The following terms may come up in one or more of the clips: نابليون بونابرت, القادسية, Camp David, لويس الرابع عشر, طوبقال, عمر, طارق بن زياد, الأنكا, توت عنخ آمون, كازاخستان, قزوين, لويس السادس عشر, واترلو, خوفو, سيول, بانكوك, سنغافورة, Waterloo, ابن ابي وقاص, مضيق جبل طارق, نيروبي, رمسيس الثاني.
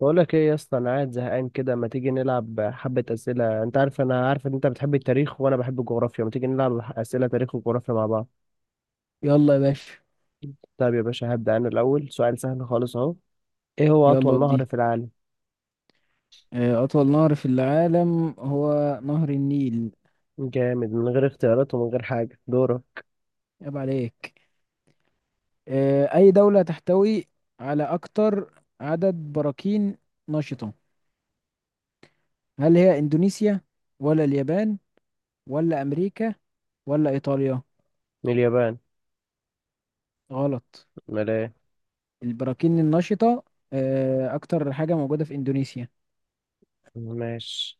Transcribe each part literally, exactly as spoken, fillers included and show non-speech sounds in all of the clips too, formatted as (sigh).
بقولك ايه يا اسطى، انا قاعد زهقان كده. ما تيجي نلعب حبة اسئلة؟ انت عارف انا عارف ان انت بتحب التاريخ وانا بحب الجغرافيا، ما تيجي نلعب اسئلة تاريخ وجغرافيا مع بعض. يلا يا باشا. طيب يا باشا هبدأ انا الاول، سؤال سهل خالص اهو. ايه هو يلا اطول نهر ودي. في العالم؟ آه، أطول نهر في العالم هو نهر النيل. جامد، من غير اختيارات ومن غير حاجة. دورة. عيب عليك. آه، أي دولة تحتوي على أكتر عدد براكين نشطة؟ هل هي إندونيسيا ولا اليابان ولا أمريكا ولا إيطاليا؟ من اليابان. غلط. امال ايه؟ البراكين النشطة آه، أكتر حاجة موجودة في إندونيسيا. ماشي.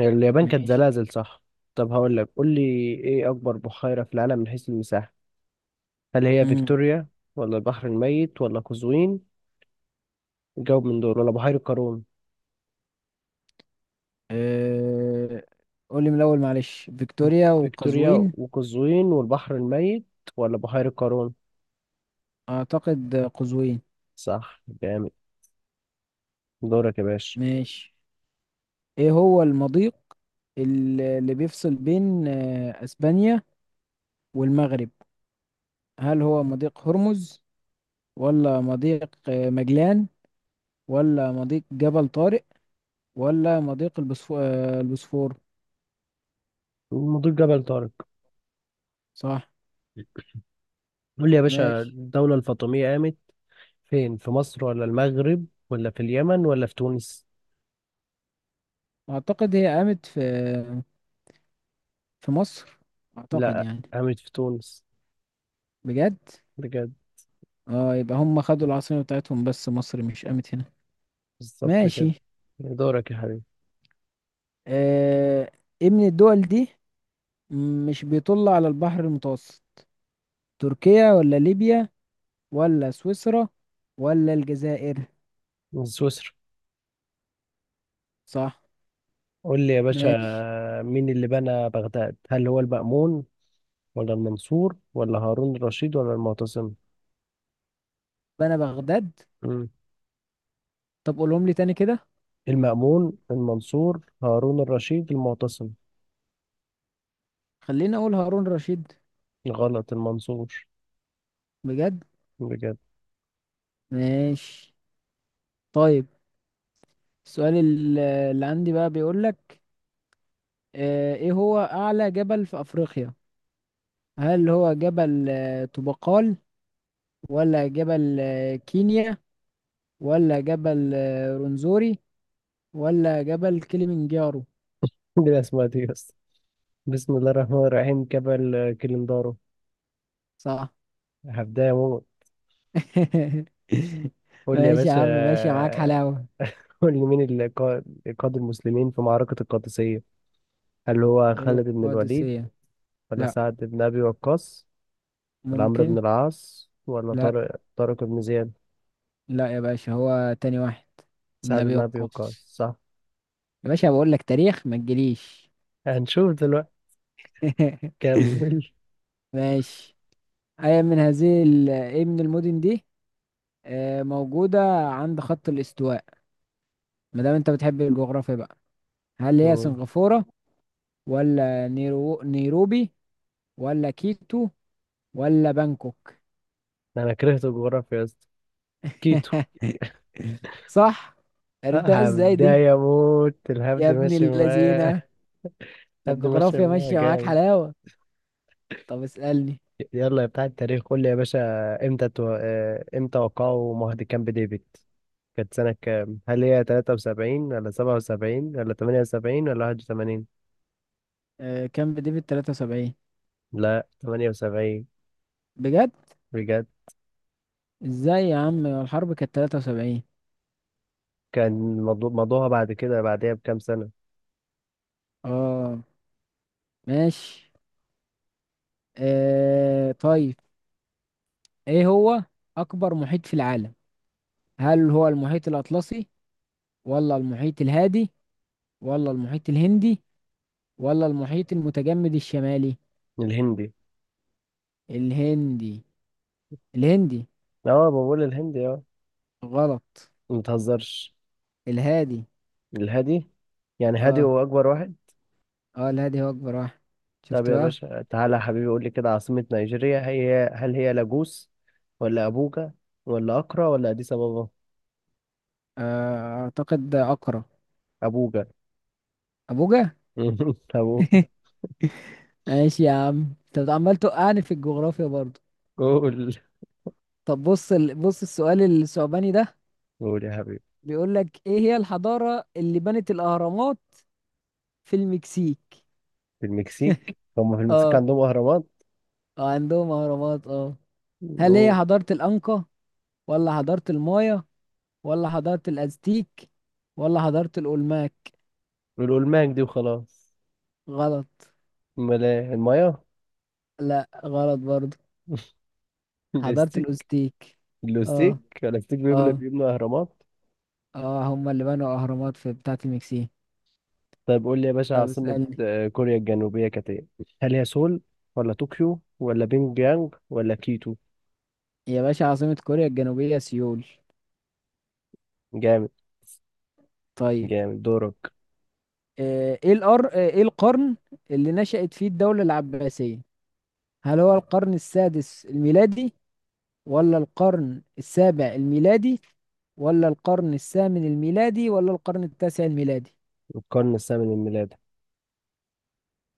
اليابان كانت ماشي. زلازل صح. طب هقول لك، قول لي ايه اكبر بحيرة في العالم من حيث المساحة؟ هل هي امم فيكتوريا ولا البحر الميت ولا قزوين؟ جاوب من دول، ولا بحيرة قارون؟ آه، قولي من الأول، معلش. فيكتوريا فيكتوريا وقزوين؟ وقزوين والبحر الميت، ولا بحيرة قارون؟ أعتقد قزوين. صح، جامد. دورك يا باشا. ماشي. ايه هو المضيق ال- اللي بيفصل بين آه، اسبانيا والمغرب؟ هل هو مضيق هرمز، ولا مضيق آه، مجلان، ولا مضيق جبل طارق، ولا مضيق البسفو- آه، البوسفور؟ مضيق جبل طارق. صح. قول لي يا باشا، ماشي. الدولة الفاطمية قامت فين؟ في مصر ولا المغرب ولا في اليمن ولا في تونس؟ اعتقد هي قامت في في مصر. اعتقد لا، يعني. قامت في تونس. بجد؟ بجد. اه، يبقى هم خدوا العاصمة بتاعتهم بس مصر مش قامت هنا. بالظبط كده. ماشي. دورك يا حبيبي. آه ايه من الدول دي مش بيطل على البحر المتوسط؟ تركيا ولا ليبيا ولا سويسرا ولا الجزائر؟ من سويسرا. صح. قول لي يا باشا، ماشي. مين اللي بنى بغداد؟ هل هو المأمون ولا المنصور ولا هارون الرشيد ولا المعتصم؟ بنا بغداد. مم. طب قولهم لي تاني كده. المأمون، المنصور، هارون الرشيد، المعتصم. خليني اقول هارون رشيد. غلط، المنصور. بجد؟ بجد. ماشي. طيب، السؤال ال- اللي عندي بقى بيقول لك آه، ايه هو اعلى جبل في افريقيا؟ هل هو جبل آه، طوبقال، ولا جبل آه، كينيا، ولا جبل آه، رونزوري، ولا جبل كليمنجارو؟ (laughs) دي اسمها دي يا اسطى، بسم الله الرحمن الرحيم، كبل كليندارو. صح. هبداية موت. (laughs) قول لي يا ماشي يا باشا. عم، ماشي معاك حلاوة. (laughs) قول لي، مين اللي قا- قاد المسلمين في معركة القادسية؟ هل هو خالد بن الوليد القادسية؟ ولا لا. سعد بن أبي وقاص ولا عمرو ممكن. بن العاص ولا لا. طارق طارق بن زياد؟ لا يا باشا، هو تاني واحد. ابن سعد ابي بن أبي وقاص. وقاص صح. يا باشا، بقول لك تاريخ ما تجيليش. هنشوف دلوقتي. (laughs) (laughs) كمل. ماشي. اي من هذه ال- ايه من المدن دي آه، موجودة عند خط الاستواء؟ ما دام انت بتحب الجغرافيا بقى. هل هي قول. سنغافورة، ولا نيرو... نيروبي، ولا كيتو، ولا بانكوك؟ أنا كرهت الجغرافيا يا اسطى. كيتو. (laughs) صح. عرفتها ازاي دي؟ هبداية موت، الهبد يا ابن ماشي معايا. اللذينة. (laughs) ده هبدي ماشي الجغرافيا معايا ماشية معاك جامد. حلاوة. طب اسألني. يلا يا بتاع التاريخ، قول لي يا باشا، امتى تو... آه، امتى وقعوا معاهدة كامب ديفيد؟ كانت سنة كام؟ هل هي تلاتة وسبعين ولا سبعة وسبعين ولا تمانية وسبعين ولا واحد وثمانين؟ آه، كان بديفيد ثلاثة وسبعين. لا، تمانية وسبعين. بجد؟ بجد. ازاي يا عم، الحرب كانت تلاتة وسبعين. كان موضوع موضوعها بعد كده، بعدها بكام سنة. اه. ماشي. آه طيب. ايه هو اكبر محيط في العالم؟ هل هو المحيط الاطلسي، ولا المحيط الهادي، ولا المحيط الهندي، ولا المحيط المتجمد الشمالي؟ الهندي. الهندي. الهندي. اه بقول الهندي اه. غلط. ما تهزرش. الهادي. الهادي. يعني هادي اه، هو أكبر واحد. اه، الهادي هو اكبر واحد. طب شفت يا بقى؟ باشا، تعالى يا حبيبي قول لي كده، عاصمة نيجيريا هي، هل هي لاجوس ولا أبوجا ولا أكرا ولا أديس أبابا؟ آه اعتقد اقرا. أبوجا. ابوجا. (laughs) أبوجا. (laughs) ماشي يا عم، انت عمال توقعني في الجغرافيا برضه. قول. طب، بص ال... بص السؤال الثعباني ده. قول يا حبيبي. بيقول لك ايه هي الحضارة اللي بنت الأهرامات في المكسيك؟ في المكسيك؟ هم في المكسيك اه، عندهم أهرامات؟ اه، عندهم أهرامات، اه. هل هي نقول. حضارة الأنكا، ولا حضارة المايا، ولا حضارة الأزتيك، ولا حضارة الأولماك؟ نقول الماك دي وخلاص. غلط. أمال إيه، المايا؟ لا، غلط برضه. (laughs) حضارة الاستيك. الأزتيك. اه، الاستيك، الاستيك بيبنوا اه، بيبنوا أهرامات. اه، هم اللي بنوا أهرامات في بتاعة المكسيك. طيب قول لي يا باشا، طب عاصمة اسألني. آه، كوريا الجنوبية كانت إيه؟ هل هي سول ولا طوكيو ولا بينج يانج ولا كيتو؟ يا باشا، عاصمة كوريا الجنوبية سيول. جامد. طيب. جامد، دورك. آه، ايه الأر... آه، ايه القرن اللي نشأت فيه الدولة العباسية؟ هل هو القرن السادس الميلادي، ولا القرن السابع الميلادي، ولا القرن الثامن الميلادي، ولا القرن التاسع الميلادي؟ القرن الثامن من ميلاده.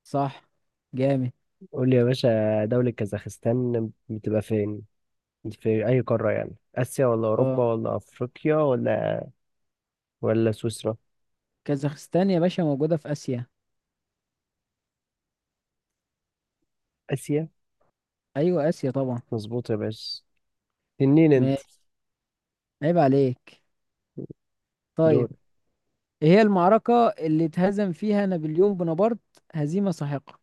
صح. جامد. قول لي يا باشا، دولة كازاخستان بتبقى فين؟ في أي قارة يعني؟ آسيا ولا اه. أوروبا ولا أفريقيا ولا، ولا سويسرا؟ كازاخستان يا باشا موجودة في آسيا. آسيا. ايوه، آسيا طبعا. مظبوط يا باشا، تنين أنت. ماشي. عيب عليك. دور. طيب. ايه هي المعركة اللي اتهزم فيها نابليون بونابرت هزيمة ساحقة؟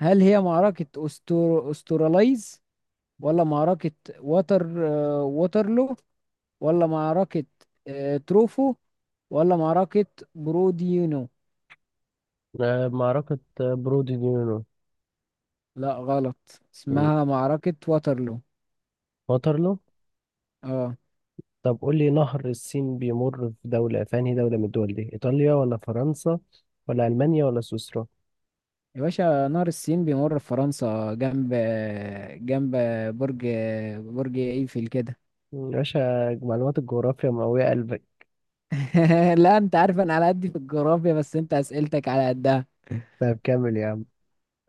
هل هي معركة أستر... أستراليز، ولا معركة وتر آه، ووترلو، ولا معركة آه، تروفو، ولا معركة بروديونو؟ آه، معركة آه، برودي دي نينو. لا، غلط. مم. اسمها معركة واترلو. واترلو. اه. طب قول لي، نهر السين بيمر في دولة، في أنهي دولة من الدول دي؟ إيطاليا ولا فرنسا ولا ألمانيا ولا سويسرا؟ يا باشا، نهر السين بيمر في فرنسا، جنب جنب برج برج ايفل كده. مم، يا باشا، معلومات الجغرافيا مقوية قلبك. (laughs) لا، انت عارف انا على قدي في الجغرافيا بس انت اسئلتك على قدها. طب كمل يا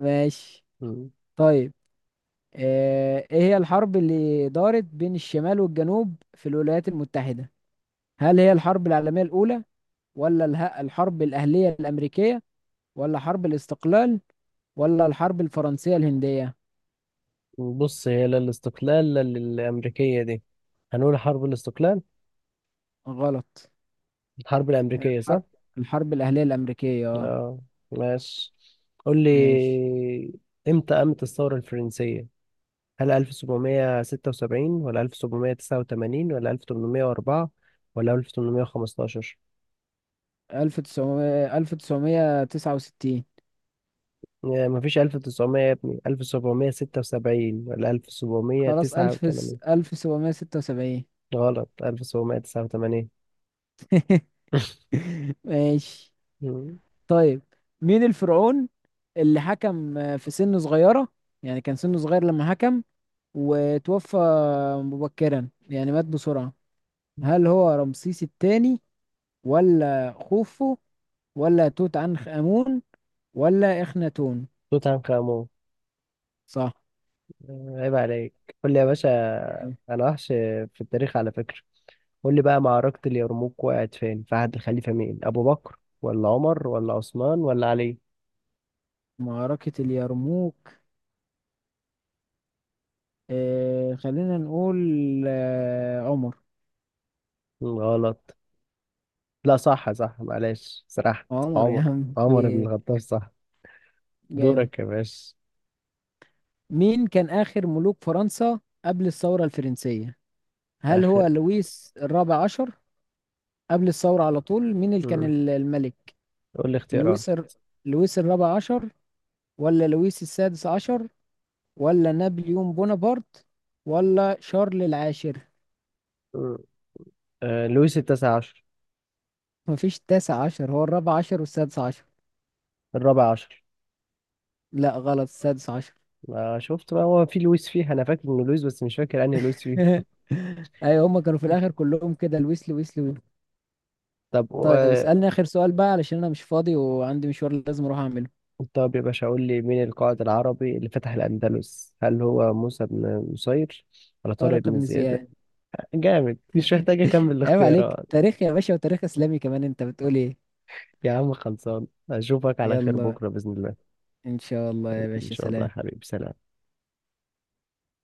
ماشي. عم. طيب. آه، ايه هي الحرب اللي دارت بين الشمال والجنوب في الولايات المتحدة؟ هل هي الحرب العالمية الأولى، ولا اله- الحرب الأهلية الأمريكية، ولا حرب الاستقلال، ولا الحرب الفرنسية الهندية؟ بص، هي لا الاستقلال لا الأمريكية دي. هنقول حرب الاستقلال. غلط. الحرب الأمريكية صح؟ الحرب الحرب الأهلية الأمريكية، اه. اه. ماشي. قول ماشي. لي، امتى قامت الثورة الفرنسية؟ هل ألف وسبعمائة وستة وسبعين ولا ألف وسبعمائة وتسعة وثمانين ولا ألف ثمنمية وأربعة ولا ألف وثمانمائة وخمسة عشر؟ ألف تسعمية ألف تسعمية تسعة وستين. يعني مفيش ألف وتسعمائة يا ابني، ألف وسبعمائة وستة وسبعين ولا خلاص. ألف ألف وسبعمائة وتسعة وثمانين؟ ألف سبعمية ستة وسبعين. غلط، ألف سبعمية تسعة وثمانين. (laughs) ماشي. مم. طيب. مين الفرعون اللي حكم في سن صغيرة؟ يعني كان سنه صغير لما حكم، وتوفى مبكرا، يعني مات بسرعة. هل هو رمسيس الثاني، ولا خوفو، ولا توت عنخ آمون، ولا إخناتون؟ توت عنخ آمون. صح. عيب عليك. قول لي يا باشا، جامد. انا وحش في التاريخ على فكرة. قول لي بقى، معركة اليرموك وقعت فين، في عهد الخليفة مين؟ ابو بكر ولا عمر ولا عثمان ولا علي؟ معركة اليرموك. آه خلينا نقول. آه عمر. غلط. لا صح، صح، معلش سرحت. عمر يا عمر. عم عمر بن في- الخطاب صح. جامد. دورك يا باشا. مين كان آخر ملوك فرنسا قبل الثورة الفرنسية؟ هل اخر. هو لويس الرابع عشر؟ قبل الثورة على طول مين اللي كان مم. ال- الملك؟ قول لي اختيارات. لويس الر... لويس الرابع عشر، ولا لويس السادس عشر، ولا نابليون بونابرت، ولا شارل العاشر؟ مم. آه لويس التاسع عشر. مفيش تاسع عشر، هو الرابع عشر والسادس عشر. الرابع عشر. لا، غلط. السادس عشر. ما شفت بقى، هو في لويس، فيه انا فاكر انه لويس بس مش فاكر انهي لويس فيه. (laughs) ايوه، هما كانوا في الاخر كلهم كده، الويسلي ويسلي ويسلي. طب طيب، و-. اسألني اخر سؤال بقى علشان انا مش فاضي وعندي مشوار لازم اروح اعمله. طب يا باشا قول لي، مين القائد العربي اللي فتح الأندلس؟ هل هو موسى بن نصير ولا طارق طارق بن بن زياد؟ زياد. جامد، مش محتاج أكمل (laughs) عيب عليك. الاختيارات. تاريخ يا باشا، وتاريخ اسلامي كمان، انت بتقول ايه؟ يا عم خلصان، أشوفك على خير يلا. بكرة بإذن الله. ان شاء الله يا إن باشا، شاء الله يا سلام. حبيبي، سلام.